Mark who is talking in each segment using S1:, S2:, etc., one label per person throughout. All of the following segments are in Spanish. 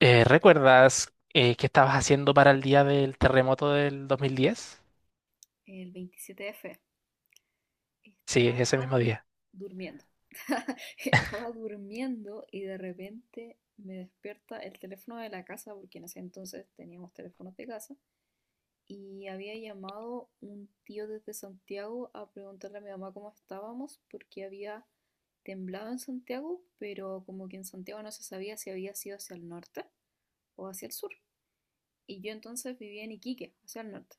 S1: ¿Recuerdas qué estabas haciendo para el día del terremoto del 2010?
S2: El 27F.
S1: Sí, ese
S2: Estaba
S1: mismo día.
S2: durmiendo. Estaba durmiendo y de repente me despierta el teléfono de la casa, porque en ese entonces teníamos teléfonos de casa, y había llamado un tío desde Santiago a preguntarle a mi mamá cómo estábamos, porque había temblado en Santiago, pero como que en Santiago no se sabía si había sido hacia el norte o hacia el sur. Y yo entonces vivía en Iquique, hacia el norte.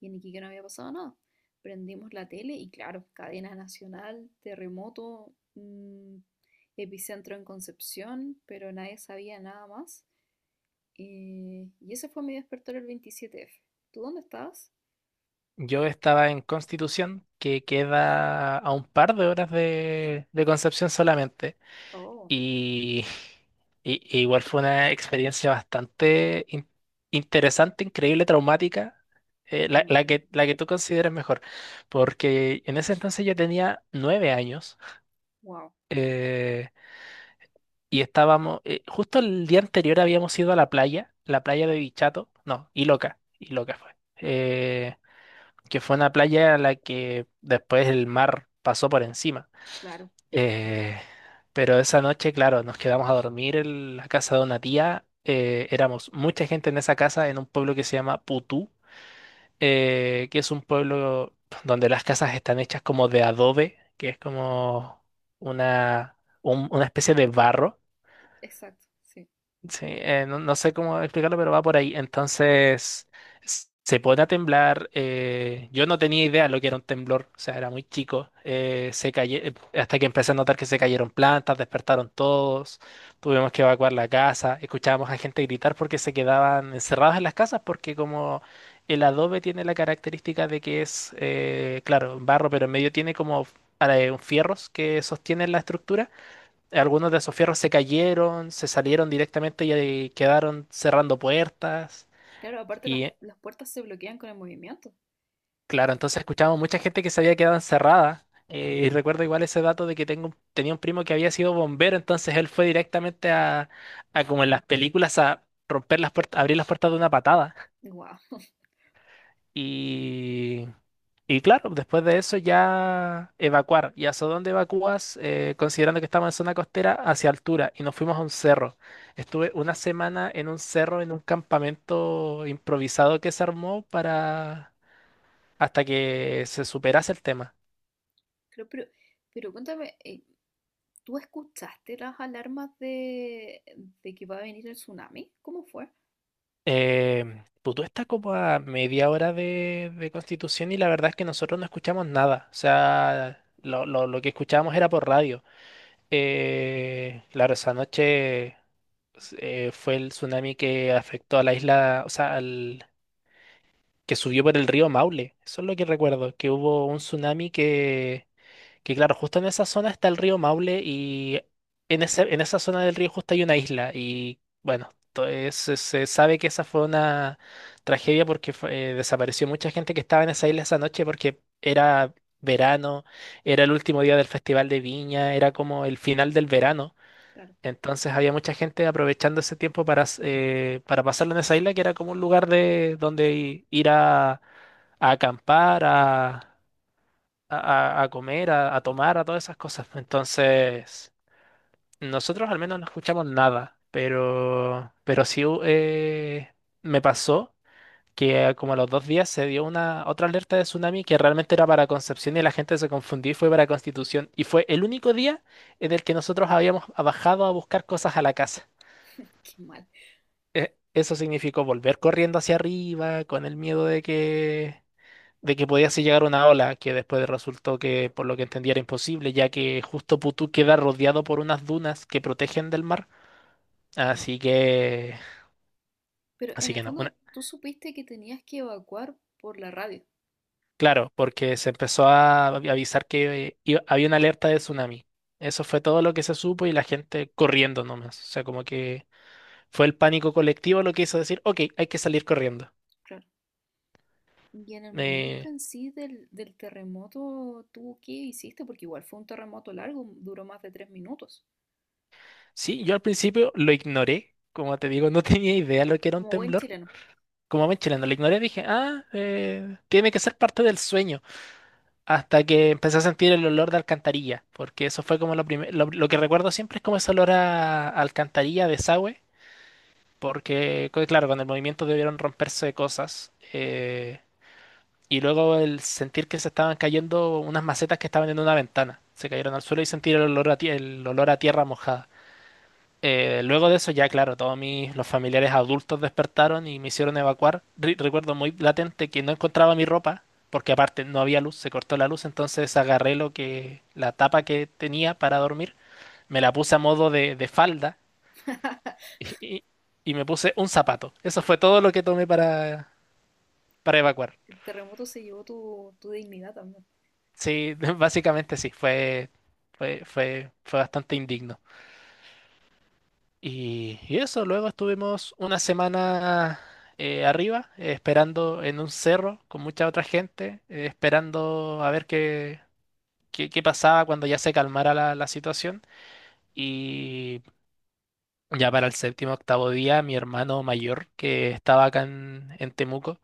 S2: Y en Iquique no había pasado nada. Prendimos la tele y claro, cadena nacional, terremoto, epicentro en Concepción, pero nadie sabía nada más. Y ese fue mi despertar el 27F. ¿Tú dónde estabas?
S1: Yo estaba en Constitución, que queda a un par de horas de Concepción solamente,
S2: Oh,
S1: y, y igual fue una experiencia bastante interesante, increíble, traumática,
S2: me
S1: la, la
S2: imagino.
S1: que, la que tú consideres mejor, porque en ese entonces yo tenía 9 años.
S2: Wow,
S1: eh, y estábamos, justo el día anterior habíamos ido a la playa de Bichato, no, Iloca, Iloca fue, que fue una playa a la que después el mar pasó por encima.
S2: claro,
S1: Eh, pero esa noche, claro, nos quedamos a dormir en la casa de una tía, éramos mucha gente en esa casa, en un pueblo que se llama Putú, que es un pueblo donde las casas están hechas como de adobe, que es como una especie de barro.
S2: exacto, sí.
S1: Sí, no, no sé cómo explicarlo, pero va por ahí. Entonces, se pone a temblar. Yo no tenía idea lo que era un temblor, o sea, era muy chico. Hasta que empecé a notar que se cayeron plantas, despertaron todos, tuvimos que evacuar la casa, escuchábamos a gente gritar porque se quedaban encerrados en las casas, porque como el adobe tiene la característica de que es, claro, barro, pero en medio tiene como fierros que sostienen la estructura. Algunos de esos fierros se cayeron, se salieron directamente y quedaron cerrando puertas.
S2: Claro, aparte las,
S1: Y
S2: las puertas se bloquean con el movimiento.
S1: claro, entonces escuchábamos mucha gente que se había quedado encerrada. Y recuerdo igual ese dato de que tenía un primo que había sido bombero, entonces él fue directamente a como en las películas, a romper las puertas, abrir las puertas de una patada.
S2: Wow.
S1: Y, y claro, después de eso ya evacuar. ¿Y hacia dónde evacúas? Considerando que estamos en zona costera, hacia altura. Y nos fuimos a un cerro. Estuve una semana en un cerro, en un campamento improvisado que se armó para hasta que se superase el tema.
S2: Pero, pero, pero, cuéntame, ¿tú escuchaste las alarmas de que va a venir el tsunami? ¿Cómo fue?
S1: Putú está como a media hora de Constitución y la verdad es que nosotros no escuchamos nada. O sea, lo que escuchábamos era por radio. Claro, esa noche. Pues, fue el tsunami que afectó a la isla, o sea, que subió por el río Maule. Eso es lo que recuerdo, que hubo un tsunami que claro, justo en esa zona está el río Maule y en esa zona del río justo hay una isla y bueno, se sabe que esa fue una tragedia porque desapareció mucha gente que estaba en esa isla esa noche porque era verano, era el último día del Festival de Viña, era como el final del verano.
S2: Claro,
S1: Entonces había mucha gente aprovechando ese tiempo para pasarlo en esa isla, que era como un lugar de donde ir a, acampar, a comer, a tomar, a todas esas cosas. Entonces, nosotros al menos no escuchamos nada, pero sí me pasó que como a los 2 días se dio una otra alerta de tsunami que realmente era para Concepción y la gente se confundió y fue para Constitución. Y fue el único día en el que nosotros habíamos bajado a buscar cosas a la casa.
S2: qué mal.
S1: Eso significó volver corriendo hacia arriba con el miedo de que podía así llegar una ola, que después resultó que, por lo que entendí, era imposible, ya que justo Putú queda rodeado por unas dunas que protegen del mar.
S2: Wow.
S1: Así que,
S2: Pero en
S1: así
S2: el
S1: que no.
S2: fondo tú supiste que tenías que evacuar por la radio.
S1: Claro, porque se empezó a avisar que había una alerta de tsunami. Eso fue todo lo que se supo y la gente corriendo nomás. O sea, como que fue el pánico colectivo lo que hizo decir, ok, hay que salir corriendo.
S2: Claro. Y en el momento
S1: Eh,
S2: en sí del terremoto, ¿tú qué hiciste? Porque igual fue un terremoto largo, duró más de 3 minutos.
S1: Sí, yo al principio lo ignoré, como te digo, no tenía idea lo que era un
S2: Como buen
S1: temblor.
S2: chileno.
S1: Como me chileno, lo ignoré, dije, tiene que ser parte del sueño. Hasta que empecé a sentir el olor de alcantarilla, porque eso fue como lo primero, lo que recuerdo siempre es como ese olor a, alcantarilla, desagüe, porque, claro, con el movimiento debieron romperse cosas.
S2: Claro.
S1: Y luego el sentir que se estaban cayendo unas macetas que estaban en una ventana, se cayeron al suelo y sentir el olor a tierra mojada. Luego de eso ya, claro, todos los familiares adultos despertaron y me hicieron evacuar. Recuerdo muy latente que no encontraba mi ropa, porque aparte no había luz, se cortó la luz, entonces agarré la tapa que tenía para dormir, me la puse a modo de falda y, y- y me puse un zapato. Eso fue todo lo que tomé para evacuar.
S2: El terremoto se llevó tu dignidad también.
S1: Sí, básicamente sí, fue bastante indigno. Y eso, luego estuvimos una semana arriba, esperando en un cerro con mucha otra gente, esperando a ver qué pasaba cuando ya se calmara la situación. Y ya para el séptimo, octavo día, mi hermano mayor, que estaba acá en Temuco,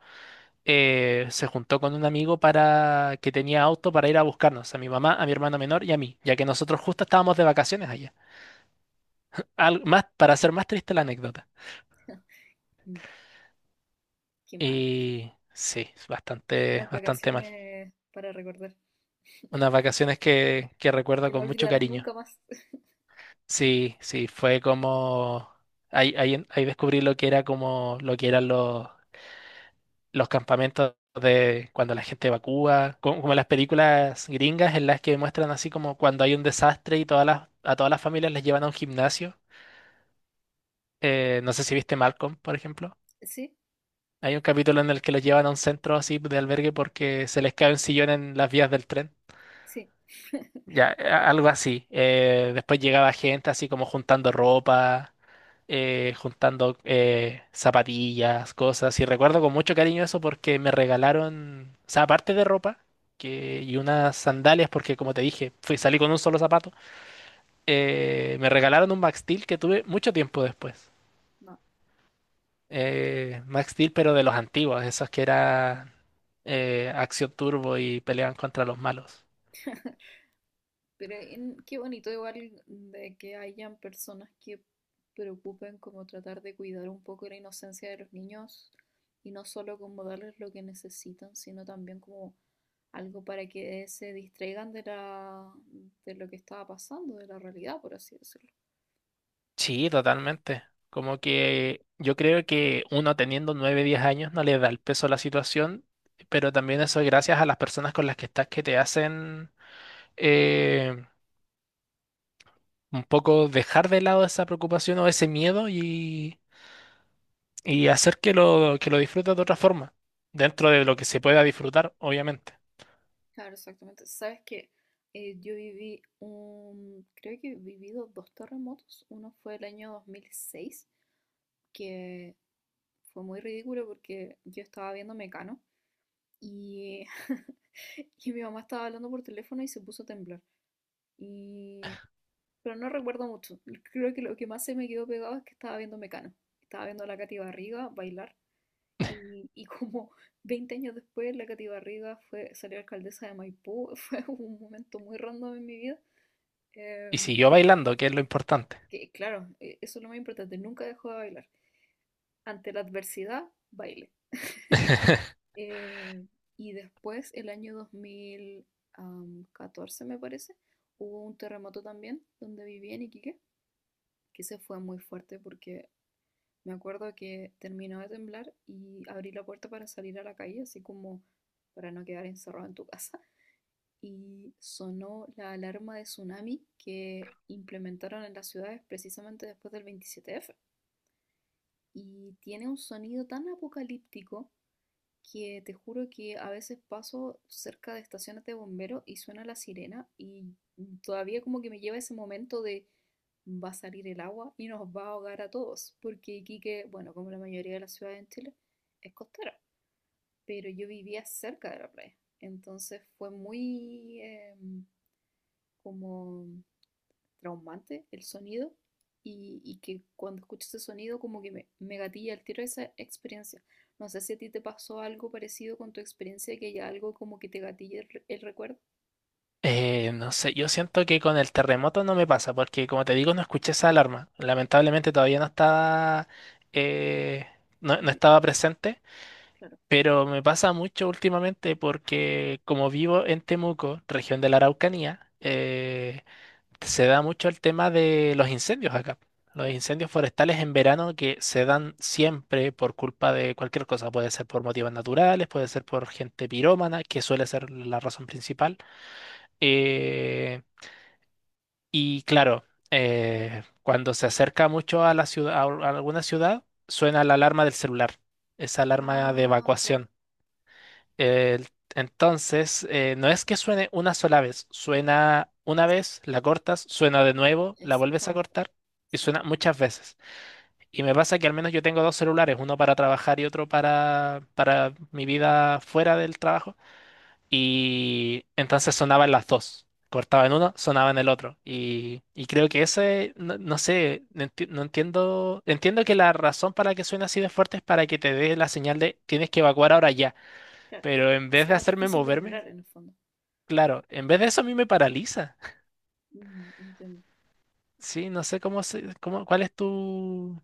S1: se juntó con un amigo para que tenía auto para ir a buscarnos, a mi mamá, a mi hermano menor y a mí, ya que nosotros justo estábamos de vacaciones allá. Más, para hacer más triste la anécdota.
S2: Mm, qué mal.
S1: Y sí, es bastante,
S2: Unas
S1: bastante mal.
S2: vacaciones para recordar,
S1: Unas vacaciones que
S2: que
S1: recuerdo
S2: no
S1: con mucho
S2: olvidarás nunca
S1: cariño.
S2: más.
S1: Sí, sí, fue como. Ahí descubrí lo que era como lo que eran los campamentos de cuando la gente evacúa, como, las películas gringas en las que muestran así como cuando hay un desastre y a todas las familias les llevan a un gimnasio. No sé si viste Malcolm, por ejemplo.
S2: Sí,
S1: Hay un capítulo en el que los llevan a un centro así de albergue porque se les cae un sillón en las vías del tren.
S2: sí.
S1: Ya, algo así. Después llegaba gente así como juntando ropa, juntando zapatillas, cosas. Y recuerdo con mucho cariño eso porque me regalaron, o sea, aparte de ropa y unas sandalias, porque como te dije, salí con un solo zapato, me regalaron un Max Steel que tuve mucho tiempo después.
S2: No,
S1: Max Steel, pero de los antiguos, esos que eran acción turbo y peleaban contra los malos.
S2: pero qué bonito igual de que hayan personas que preocupen como tratar de cuidar un poco la inocencia de los niños y no solo como darles lo que necesitan, sino también como algo para que se distraigan de la, de lo que estaba pasando, de la realidad, por así decirlo.
S1: Sí, totalmente. Como que yo creo que uno teniendo 9, 10 años no le da el peso a la situación, pero también eso es gracias a las personas con las que estás que te hacen
S2: Claro.
S1: eh, un poco dejar de lado esa preocupación o ese miedo y hacer que que lo disfrutes de otra forma, dentro de lo que se pueda disfrutar, obviamente.
S2: Claro, exactamente. Sabes que yo viví un, creo que he vivido dos terremotos. Uno fue el año 2006 que fue muy ridículo porque yo estaba viendo Mecano y, y mi mamá estaba hablando por teléfono y se puso a temblar. Y, pero no recuerdo mucho. Creo que lo que más se me quedó pegado es que estaba viendo Mecano. Estaba viendo a la Katy Barriga bailar. Y como 20 años después, la Katy Barriga fue, salió alcaldesa de Maipú. Fue un momento muy random en mi vida.
S1: Y
S2: em,
S1: siguió bailando, que es lo importante.
S2: que claro, eso es lo más importante. Nunca dejó de bailar. Ante la adversidad, baile. Eh, y después, el año 2014 me parece, hubo un terremoto también donde viví en Iquique, que se fue muy fuerte porque me acuerdo que terminó de temblar y abrí la puerta para salir a la calle, así como para no quedar encerrado en tu casa. Y sonó la alarma de tsunami que implementaron en las ciudades precisamente después del 27F. Y tiene un sonido tan apocalíptico que te juro que a veces paso cerca de estaciones de bomberos y suena la sirena y todavía como que me lleva ese momento de va a salir el agua y nos va a ahogar a todos, porque Iquique, bueno, como la mayoría de las ciudades en Chile, es costera, pero yo vivía cerca de la playa, entonces fue muy como traumante el sonido y que cuando escucho ese sonido como que me gatilla el tiro de esa experiencia. No sé si a ti te pasó algo parecido con tu experiencia, que haya algo como que te gatille el, el recuerdo.
S1: No sé, yo siento que con el terremoto no me pasa, porque como te digo, no escuché esa alarma. Lamentablemente todavía no estaba, eh, no
S2: Ujú,
S1: estaba presente,
S2: claro,
S1: pero me pasa mucho últimamente porque como vivo en Temuco, región de la Araucanía, se da mucho el tema de los incendios acá. Los
S2: claro.
S1: incendios forestales en verano que se dan siempre por culpa de cualquier cosa. Puede ser por motivos naturales, puede ser por gente pirómana, que suele ser la razón principal. Eh, y claro, cuando se acerca mucho a la ciudad, a alguna ciudad, suena la alarma del celular, esa alarma de
S2: Ah, claro.
S1: evacuación. El- entonces, no es que suene una sola vez, suena una vez, la cortas, suena de nuevo, la vuelves a
S2: Exactamente.
S1: cortar y
S2: Sí.
S1: suena muchas veces. Y me pasa que al menos yo tengo dos celulares, uno para trabajar y otro para mi vida fuera del trabajo. Y entonces sonaban las dos. Cortaban uno, sonaban el otro. Y creo que no, no sé, no entiendo. Entiendo que la razón para que suene así de fuerte es para que te dé la señal de tienes que evacuar ahora ya.
S2: Claro.
S1: Pero en
S2: O
S1: vez de
S2: sea,
S1: hacerme
S2: difícil de
S1: moverme,
S2: ignorar en el fondo.
S1: claro, en vez de eso a mí me paraliza.
S2: Mm, entiendo.
S1: Sí, no sé cuál es tu,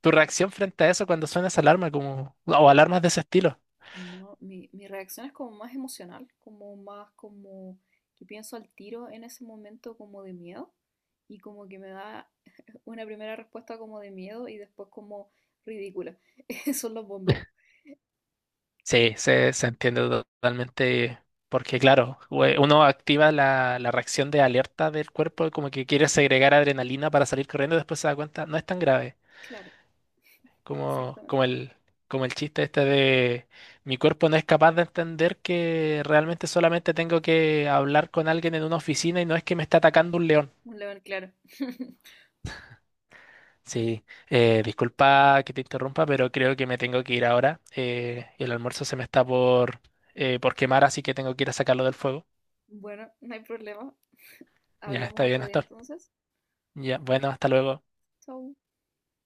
S1: tu
S2: Mm,
S1: reacción frente a eso cuando suena esa alarma o alarmas de ese estilo.
S2: no, mi reacción es como más emocional, como más como que pienso al tiro en ese momento como de miedo y como que me da una primera respuesta como de miedo y después como ridícula. Son los bomberos.
S1: Sí, se entiende totalmente porque, claro, uno activa la reacción de alerta del cuerpo, como que quiere segregar adrenalina para salir corriendo, después se da cuenta, no es tan grave
S2: Claro,
S1: como,
S2: exactamente.
S1: como el chiste este de mi cuerpo no es capaz de entender que realmente solamente tengo que hablar con alguien en una oficina y no es que me está atacando un león.
S2: Un león claro.
S1: Sí, disculpa que te interrumpa, pero creo que me tengo que ir ahora. El almuerzo se me está por quemar, así que tengo que ir a sacarlo del fuego.
S2: Bueno, no hay problema.
S1: Ya, está
S2: Hablamos
S1: bien,
S2: otro día
S1: Astor.
S2: entonces.
S1: Ya, bueno, hasta luego.
S2: Chau.